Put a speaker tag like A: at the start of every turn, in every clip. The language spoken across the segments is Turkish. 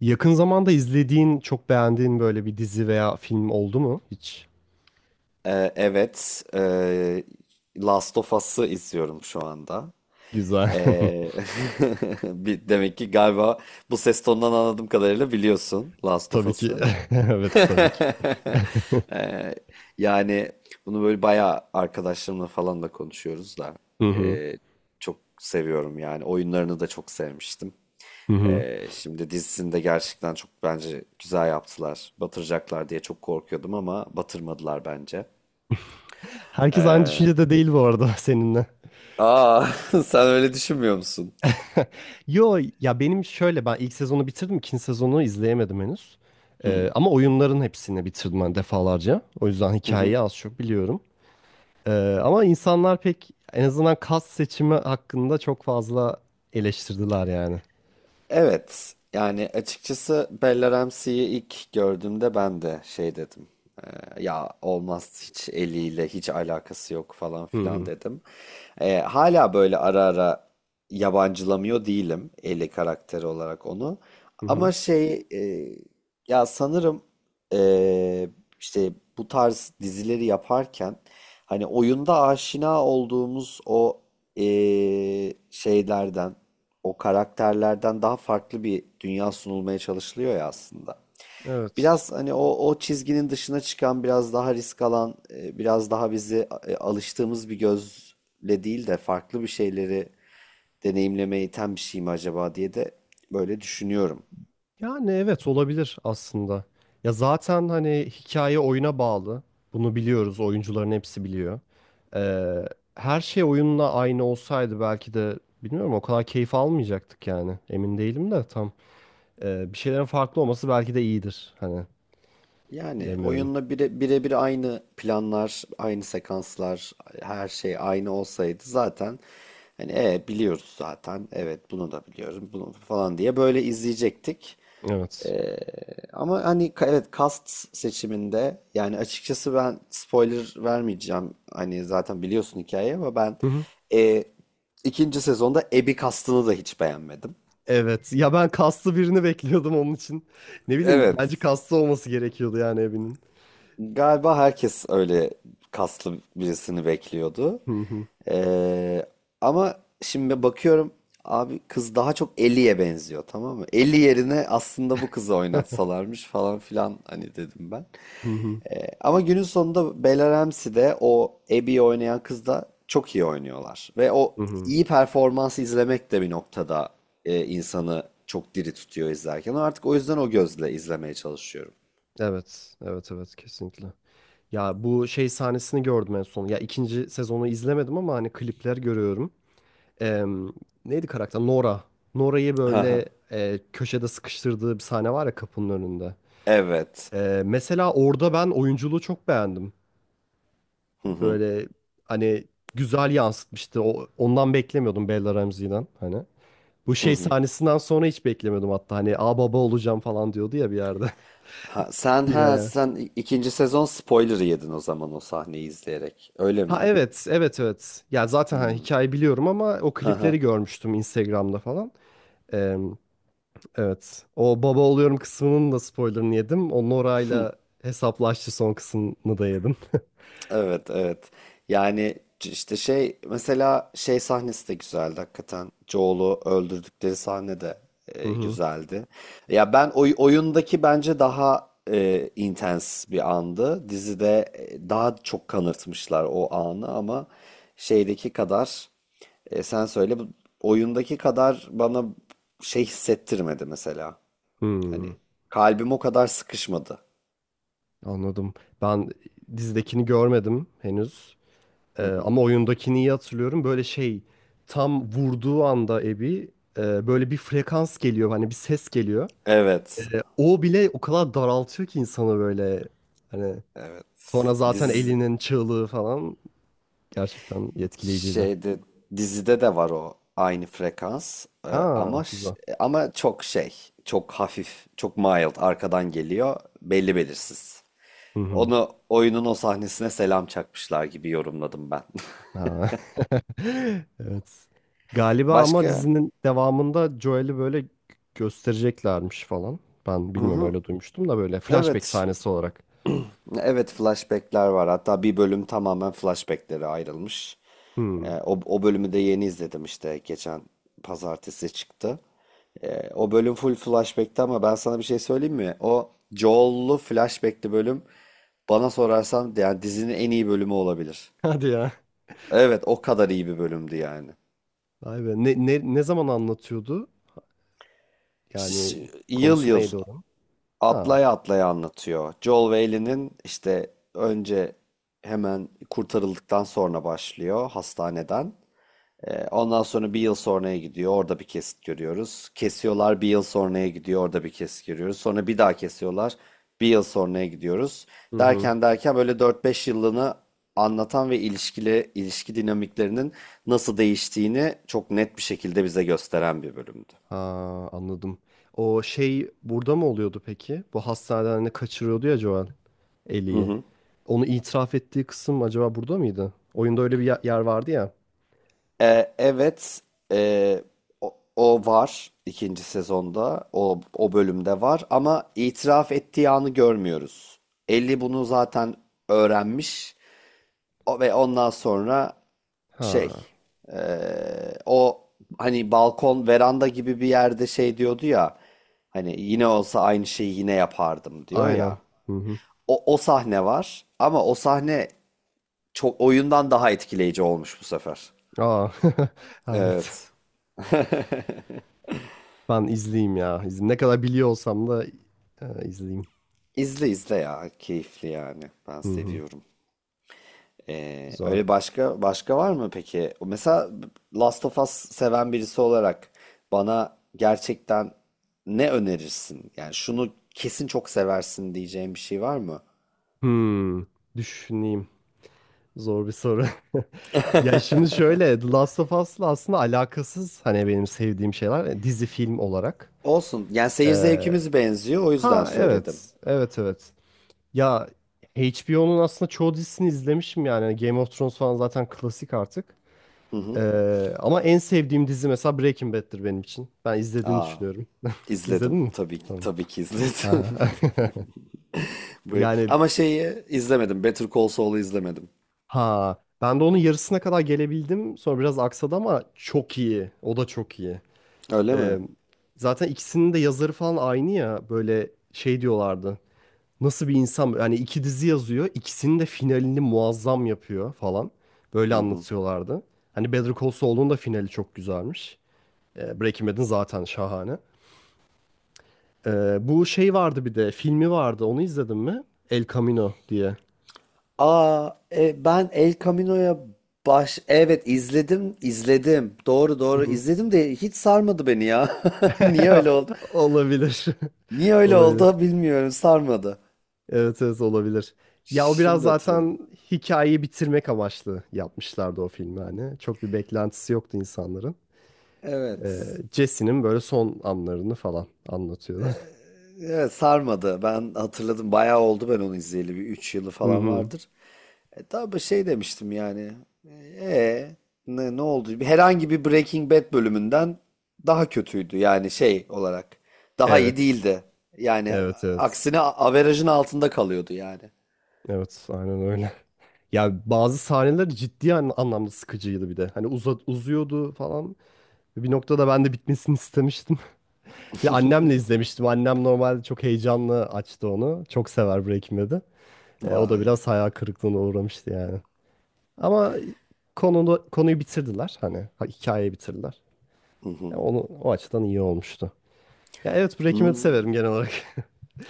A: Yakın zamanda izlediğin, çok beğendiğin böyle bir dizi veya film oldu mu hiç?
B: Evet, Last of Us'ı izliyorum şu anda.
A: Güzel.
B: Ee, Demek ki galiba bu ses tonundan anladığım kadarıyla biliyorsun Last of
A: Tabii ki.
B: Us'ı.
A: Evet, tabii ki.
B: Ee, Yani bunu böyle bayağı arkadaşlarımla falan da konuşuyoruz da
A: Hı hı.
B: ee, çok seviyorum yani. Oyunlarını da çok sevmiştim.
A: Hı hı.
B: Şimdi dizisini de gerçekten çok bence güzel yaptılar. Batıracaklar diye çok korkuyordum ama batırmadılar bence.
A: Herkes aynı
B: Ee,
A: düşüncede değil bu arada seninle.
B: Aa, sen öyle düşünmüyor musun?
A: Yo ya ben ilk sezonu bitirdim, ikinci sezonu izleyemedim henüz.
B: Hı,
A: Ama oyunların hepsini bitirdim ben defalarca. O yüzden
B: hı hı.
A: hikayeyi az çok biliyorum. Ee, Ama insanlar pek en azından kas seçimi hakkında çok fazla eleştirdiler yani.
B: Evet. Yani açıkçası Bella Ramsey'i ilk gördüğümde ben de şey dedim. Ya olmaz, hiç eliyle hiç alakası yok falan
A: Hı
B: filan
A: hı.
B: dedim. Hala böyle ara ara yabancılamıyor değilim Ellie karakteri olarak onu.
A: Hı hı.
B: Ama ya sanırım, eee, işte bu tarz dizileri yaparken hani oyunda aşina olduğumuz o şeylerden, o karakterlerden daha farklı bir dünya sunulmaya çalışılıyor ya aslında.
A: Evet.
B: Biraz hani o,
A: Evet.
B: o çizginin dışına çıkan, biraz daha risk alan, biraz daha bizi alıştığımız bir gözle değil de farklı bir şeyleri deneyimlemeye iten bir şey mi acaba diye de böyle düşünüyorum.
A: Yani evet olabilir aslında. Ya zaten hani hikaye oyuna bağlı. Bunu biliyoruz. Oyuncuların hepsi biliyor. Ee, Her şey oyunla aynı olsaydı belki de bilmiyorum, o kadar keyif almayacaktık yani. Emin değilim de tam. Bir şeylerin farklı olması belki de iyidir. Hani,
B: Yani
A: bilemiyorum.
B: oyunla birebir aynı planlar, aynı sekanslar, her şey aynı olsaydı zaten hani, biliyoruz zaten. Evet, bunu da biliyorum bunu falan diye böyle izleyecektik.
A: Evet.
B: Ee, Ama hani evet, cast seçiminde yani açıkçası ben spoiler vermeyeceğim. Hani zaten biliyorsun hikayeyi ama ben,
A: Hı hı.
B: e, ikinci sezonda Abby castını da hiç beğenmedim.
A: Evet. Ya ben kaslı birini bekliyordum onun için. Ne bileyim, bence
B: Evet.
A: kaslı olması gerekiyordu yani evinin.
B: Galiba herkes öyle kaslı birisini bekliyordu.
A: Hı hı.
B: Ee, Ama şimdi bakıyorum abi kız daha çok Ellie'ye benziyor, tamam mı? Ellie yerine aslında bu kızı oynatsalarmış falan filan hani dedim ben.
A: Hı hı.
B: Ama günün sonunda Bella Ramsey de o Abby'yi oynayan kız da çok iyi oynuyorlar. Ve o
A: Hı hı.
B: iyi performansı izlemek de bir noktada, insanı çok diri tutuyor izlerken. Artık o yüzden o gözle izlemeye çalışıyorum.
A: Evet, evet, evet, kesinlikle. Ya bu şey sahnesini gördüm en son. Ya ikinci sezonu izlemedim ama hani klipler görüyorum. Em, Neydi karakter? Nora. Nora'yı böyle köşede sıkıştırdığı bir sahne var ya, kapının önünde.
B: Evet.
A: Mesela orada ben oyunculuğu çok beğendim.
B: Hı hı.
A: Böyle, hani, güzel yansıtmıştı. Ondan beklemiyordum, Bella Ramsey'den hani. Bu
B: Hı
A: şey
B: hı.
A: sahnesinden sonra hiç beklemiyordum hatta. Hani baba olacağım falan diyordu ya bir yerde.
B: Ha, sen ha
A: Yine.
B: sen i- ikinci sezon spoiler'ı yedin o zaman o sahneyi izleyerek. Öyle mi?
A: Ha evet, evet evet. Ya zaten hani
B: Hmm.
A: hikayeyi biliyorum ama o klipleri görmüştüm Instagram'da falan. Ee, evet. O baba oluyorum kısmının da spoilerını yedim. O Nora'yla hesaplaştı son kısmını da yedim.
B: Evet, evet. Yani işte mesela şey sahnesi de güzeldi hakikaten. Joel'u öldürdükleri sahne de,
A: Hı hı.
B: güzeldi. Ya ben oyundaki bence daha, intens bir andı. Dizide, daha çok kanırtmışlar o anı ama şeydeki kadar, sen söyle bu oyundaki kadar bana şey hissettirmedi mesela.
A: Hmm,
B: Hani kalbim o kadar sıkışmadı.
A: anladım. Ben dizidekini görmedim henüz.
B: Hı hı.
A: Ama oyundakini iyi hatırlıyorum. Böyle, şey, tam vurduğu anda Abby, böyle bir frekans geliyor. Hani bir ses geliyor. E,
B: Evet,
A: O bile o kadar daraltıyor ki insanı böyle. Hani,
B: evet.
A: sonra zaten
B: Dizi
A: Ellie'nin çığlığı falan gerçekten etkileyiciydi.
B: Şeyde dizide de var o aynı frekans.
A: Ha,
B: Ama
A: güzel.
B: ama çok çok hafif, çok mild arkadan geliyor belli belirsiz.
A: Hı hı.
B: Onu oyunun o sahnesine selam çakmışlar gibi yorumladım ben.
A: Ha. Evet. Galiba ama
B: Başka?
A: dizinin devamında Joel'i böyle göstereceklermiş falan. Ben
B: Hı
A: bilmiyorum,
B: hı.
A: öyle duymuştum, da böyle flashback
B: Evet.
A: sahnesi olarak.
B: Evet, flashbackler var. Hatta bir bölüm tamamen flashbacklere ayrılmış.
A: Hmm.
B: O bölümü de yeni izledim işte, geçen pazartesi çıktı. O bölüm full flashback'ti ama ben sana bir şey söyleyeyim mi? O Joel'lu flashback'li bölüm, bana sorarsan, yani dizinin en iyi bölümü olabilir.
A: Hadi ya.
B: Evet, o kadar iyi bir bölümdü yani.
A: Vay be. Ne zaman anlatıyordu? Yani
B: Yıl
A: konusu
B: yıl
A: neydi oranın? Ha.
B: atlaya atlaya anlatıyor. Joel ve Ellie'nin işte önce, hemen kurtarıldıktan sonra başlıyor hastaneden. Ondan sonra bir yıl sonraya gidiyor. Orada bir kesit görüyoruz. Kesiyorlar, bir yıl sonraya gidiyor. Orada bir kesit görüyoruz. Sonra bir daha kesiyorlar. Bir yıl sonraya gidiyoruz.
A: Hı hı.
B: Derken derken böyle 4-5 yıllığını anlatan ve ilişki dinamiklerinin nasıl değiştiğini çok net bir şekilde bize gösteren bir bölümdü.
A: Ha, anladım. O şey burada mı oluyordu peki? Bu hastaneden hani kaçırıyordu ya Joel
B: Hı
A: Ellie'yi.
B: hı.
A: Onu itiraf ettiği kısım acaba burada mıydı? Oyunda öyle bir yer vardı ya.
B: Evet, ee, o var ikinci sezonda, o bölümde var ama itiraf ettiği anı görmüyoruz. Ellie bunu zaten öğrenmiş, ve ondan sonra şey,
A: Ha,
B: o hani balkon, veranda gibi bir yerde şey diyordu ya, hani yine olsa aynı şeyi yine yapardım diyor
A: aynen.
B: ya.
A: Hı hı.
B: O sahne var ama o sahne çok, oyundan daha etkileyici olmuş bu sefer.
A: Aa, hayret.
B: Evet.
A: Ben izleyeyim ya. İzleyeyim. Ne kadar biliyor olsam da, izleyeyim.
B: İzle izle ya. Keyifli yani. Ben
A: Hı hı.
B: seviyorum.
A: Güzel.
B: Öyle başka başka var mı peki? Mesela Last of Us seven birisi olarak bana gerçekten ne önerirsin? Yani şunu kesin çok seversin diyeceğim bir şey var mı?
A: Hmm, düşüneyim. Zor bir soru. Ya şimdi şöyle, The Last of Us'la aslında alakasız hani benim sevdiğim şeyler, dizi film olarak.
B: Olsun. Yani seyir
A: Ee,
B: zevkimiz benziyor. O yüzden
A: ha
B: söyledim.
A: evet, evet evet. Ya HBO'nun aslında çoğu dizisini izlemişim yani. Game of Thrones falan zaten klasik artık.
B: Hı hı.
A: Ama en sevdiğim dizi mesela Breaking Bad'tir benim için. Ben izlediğini
B: Aa,
A: düşünüyorum. İzledin
B: izledim.
A: mi?
B: Tabii ki,
A: Tamam.
B: tabii ki izledim.
A: Ha. Yani
B: Ama şeyi izlemedim. Better Call Saul'u izlemedim.
A: ha ben de onun yarısına kadar gelebildim. Sonra biraz aksadı ama çok iyi. O da çok iyi.
B: Öyle mi?
A: Ee, Zaten ikisinin de yazarı falan aynı ya. Böyle şey diyorlardı: nasıl bir insan yani, iki dizi yazıyor, ikisinin de finalini muazzam yapıyor falan. Böyle
B: Hı hı.
A: anlatıyorlardı. Hani Better Call Saul'un da finali çok güzelmiş. Breaking Bad'in zaten şahane. Bu şey vardı, bir de filmi vardı. Onu izledin mi? El Camino diye.
B: Aa, ben El Camino'ya baş... Evet, izledim, izledim. Doğru
A: Hı
B: doğru
A: hı.
B: izledim de hiç sarmadı beni ya. Niye öyle oldu?
A: Olabilir.
B: Niye öyle
A: Olabilir.
B: oldu bilmiyorum, sarmadı.
A: Evet evet, olabilir. Ya o biraz
B: Şimdi hatırladım.
A: zaten hikayeyi bitirmek amaçlı yapmışlardı o filmi hani. Çok bir beklentisi yoktu insanların.
B: Evet.
A: Jesse'nin böyle son anlarını falan anlatıyordu.
B: Evet, sarmadı. Ben hatırladım. Bayağı oldu ben onu izleyeli. Bir 3 yılı
A: Hı
B: falan
A: hı.
B: vardır. Tabii şey demiştim yani. E, ne oldu? Herhangi bir Breaking Bad bölümünden daha kötüydü. Yani şey olarak. Daha iyi
A: Evet.
B: değildi. Yani
A: Evet evet.
B: aksine averajın altında kalıyordu yani.
A: Evet aynen öyle. Ya bazı sahneler ciddi anlamda sıkıcıydı bir de. Hani uzuyordu falan. Bir noktada ben de bitmesini istemiştim. Bir, annemle izlemiştim. Annem normalde çok heyecanlı açtı onu. Çok sever Breaking Bad'i. O da
B: Vay.
A: biraz hayal kırıklığına uğramıştı yani. Ama konuyu bitirdiler. Hani hikayeyi bitirdiler.
B: Hı hı.
A: Ya onu o açıdan iyi olmuştu. Ya evet, Breaking Bad'i severim genel
B: Hmm.
A: olarak.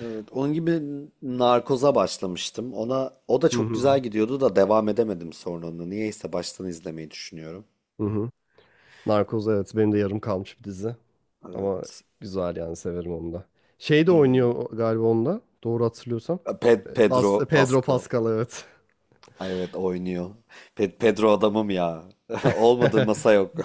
B: Evet, onun gibi Narkoz'a başlamıştım. Ona, o da
A: Hı
B: çok
A: hı.
B: güzel gidiyordu da devam edemedim sonra onu. Niyeyse baştan izlemeyi düşünüyorum.
A: Hı hı. Narkoz evet, benim de yarım kalmış bir dizi. Ama
B: Evet.
A: güzel yani, severim onu da. Şey de
B: Ee,
A: oynuyor galiba onda, doğru hatırlıyorsam.
B: Pedro
A: Pedro
B: Pascal.
A: Pascal, evet.
B: Ay, evet, oynuyor. Pedro adamım ya. Olmadığı masa yok.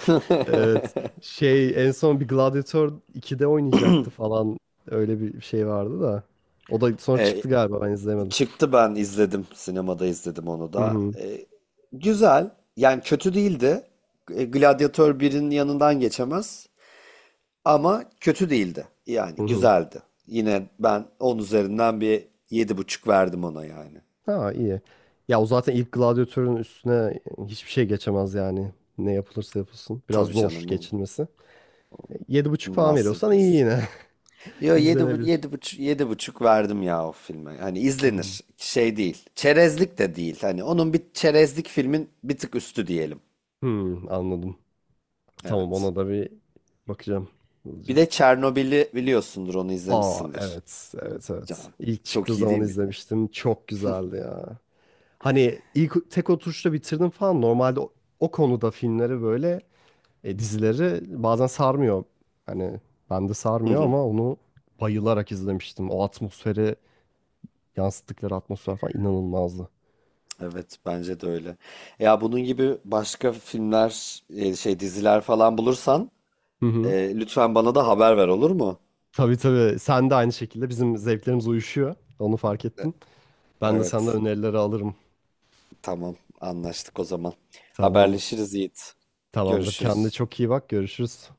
A: Evet. Şey, en son bir Gladiator 2'de oynayacaktı falan. Öyle bir şey vardı da. O da sonra
B: E,
A: çıktı galiba, ben izlemedim.
B: Çıktı, ben izledim. Sinemada izledim onu
A: Hı
B: da.
A: hı.
B: Güzel. Yani kötü değildi. Gladiator 1'in yanından geçemez. Ama kötü değildi. Yani
A: Hı hı.
B: güzeldi. Yine ben 10 üzerinden bir 7,5 verdim ona yani.
A: Ha, iyi. Ya o zaten ilk Gladiator'un üstüne hiçbir şey geçemez yani. Ne yapılırsa yapılsın. Biraz
B: Tabii
A: zor
B: canım. Bu
A: geçilmesi. 7,5 falan veriyorsan, iyi
B: masterpiece.
A: yine.
B: Yo yedi, bu-
A: İzlenebilir.
B: yedi, buçuk, 7,5 verdim ya o filme. Hani
A: Hmm.
B: izlenir. Şey değil. Çerezlik de değil. Hani onun, bir çerezlik filmin bir tık üstü diyelim.
A: Hmm, anladım. Tamam,
B: Evet.
A: ona da bir bakacağım.
B: Bir
A: Hızlıca.
B: de Çernobil'i biliyorsundur. Onu
A: Aa
B: izlemişsindir.
A: evet evet evet.
B: Can.
A: İlk çıktığı
B: Çok iyi
A: zaman
B: değil miydi?
A: izlemiştim. Çok güzeldi ya. Hani ilk tek oturuşta bitirdim falan. Normalde o konuda filmleri böyle, dizileri bazen sarmıyor. Hani ben de
B: Hı
A: sarmıyor
B: hı.
A: ama onu bayılarak izlemiştim. O atmosferi, yansıttıkları atmosfer falan, inanılmazdı.
B: Evet, bence de öyle. Ya bunun gibi başka filmler, şey diziler falan bulursan,
A: Hı hı.
B: lütfen bana da haber ver, olur mu?
A: Tabii tabii, sen de aynı şekilde. Bizim zevklerimiz uyuşuyor, onu fark ettim. Ben de senden
B: Evet.
A: önerileri alırım.
B: Tamam. Anlaştık o zaman.
A: Tamamdır.
B: Haberleşiriz, Yiğit.
A: Tamamdır. Kendine
B: Görüşürüz.
A: çok iyi bak. Görüşürüz.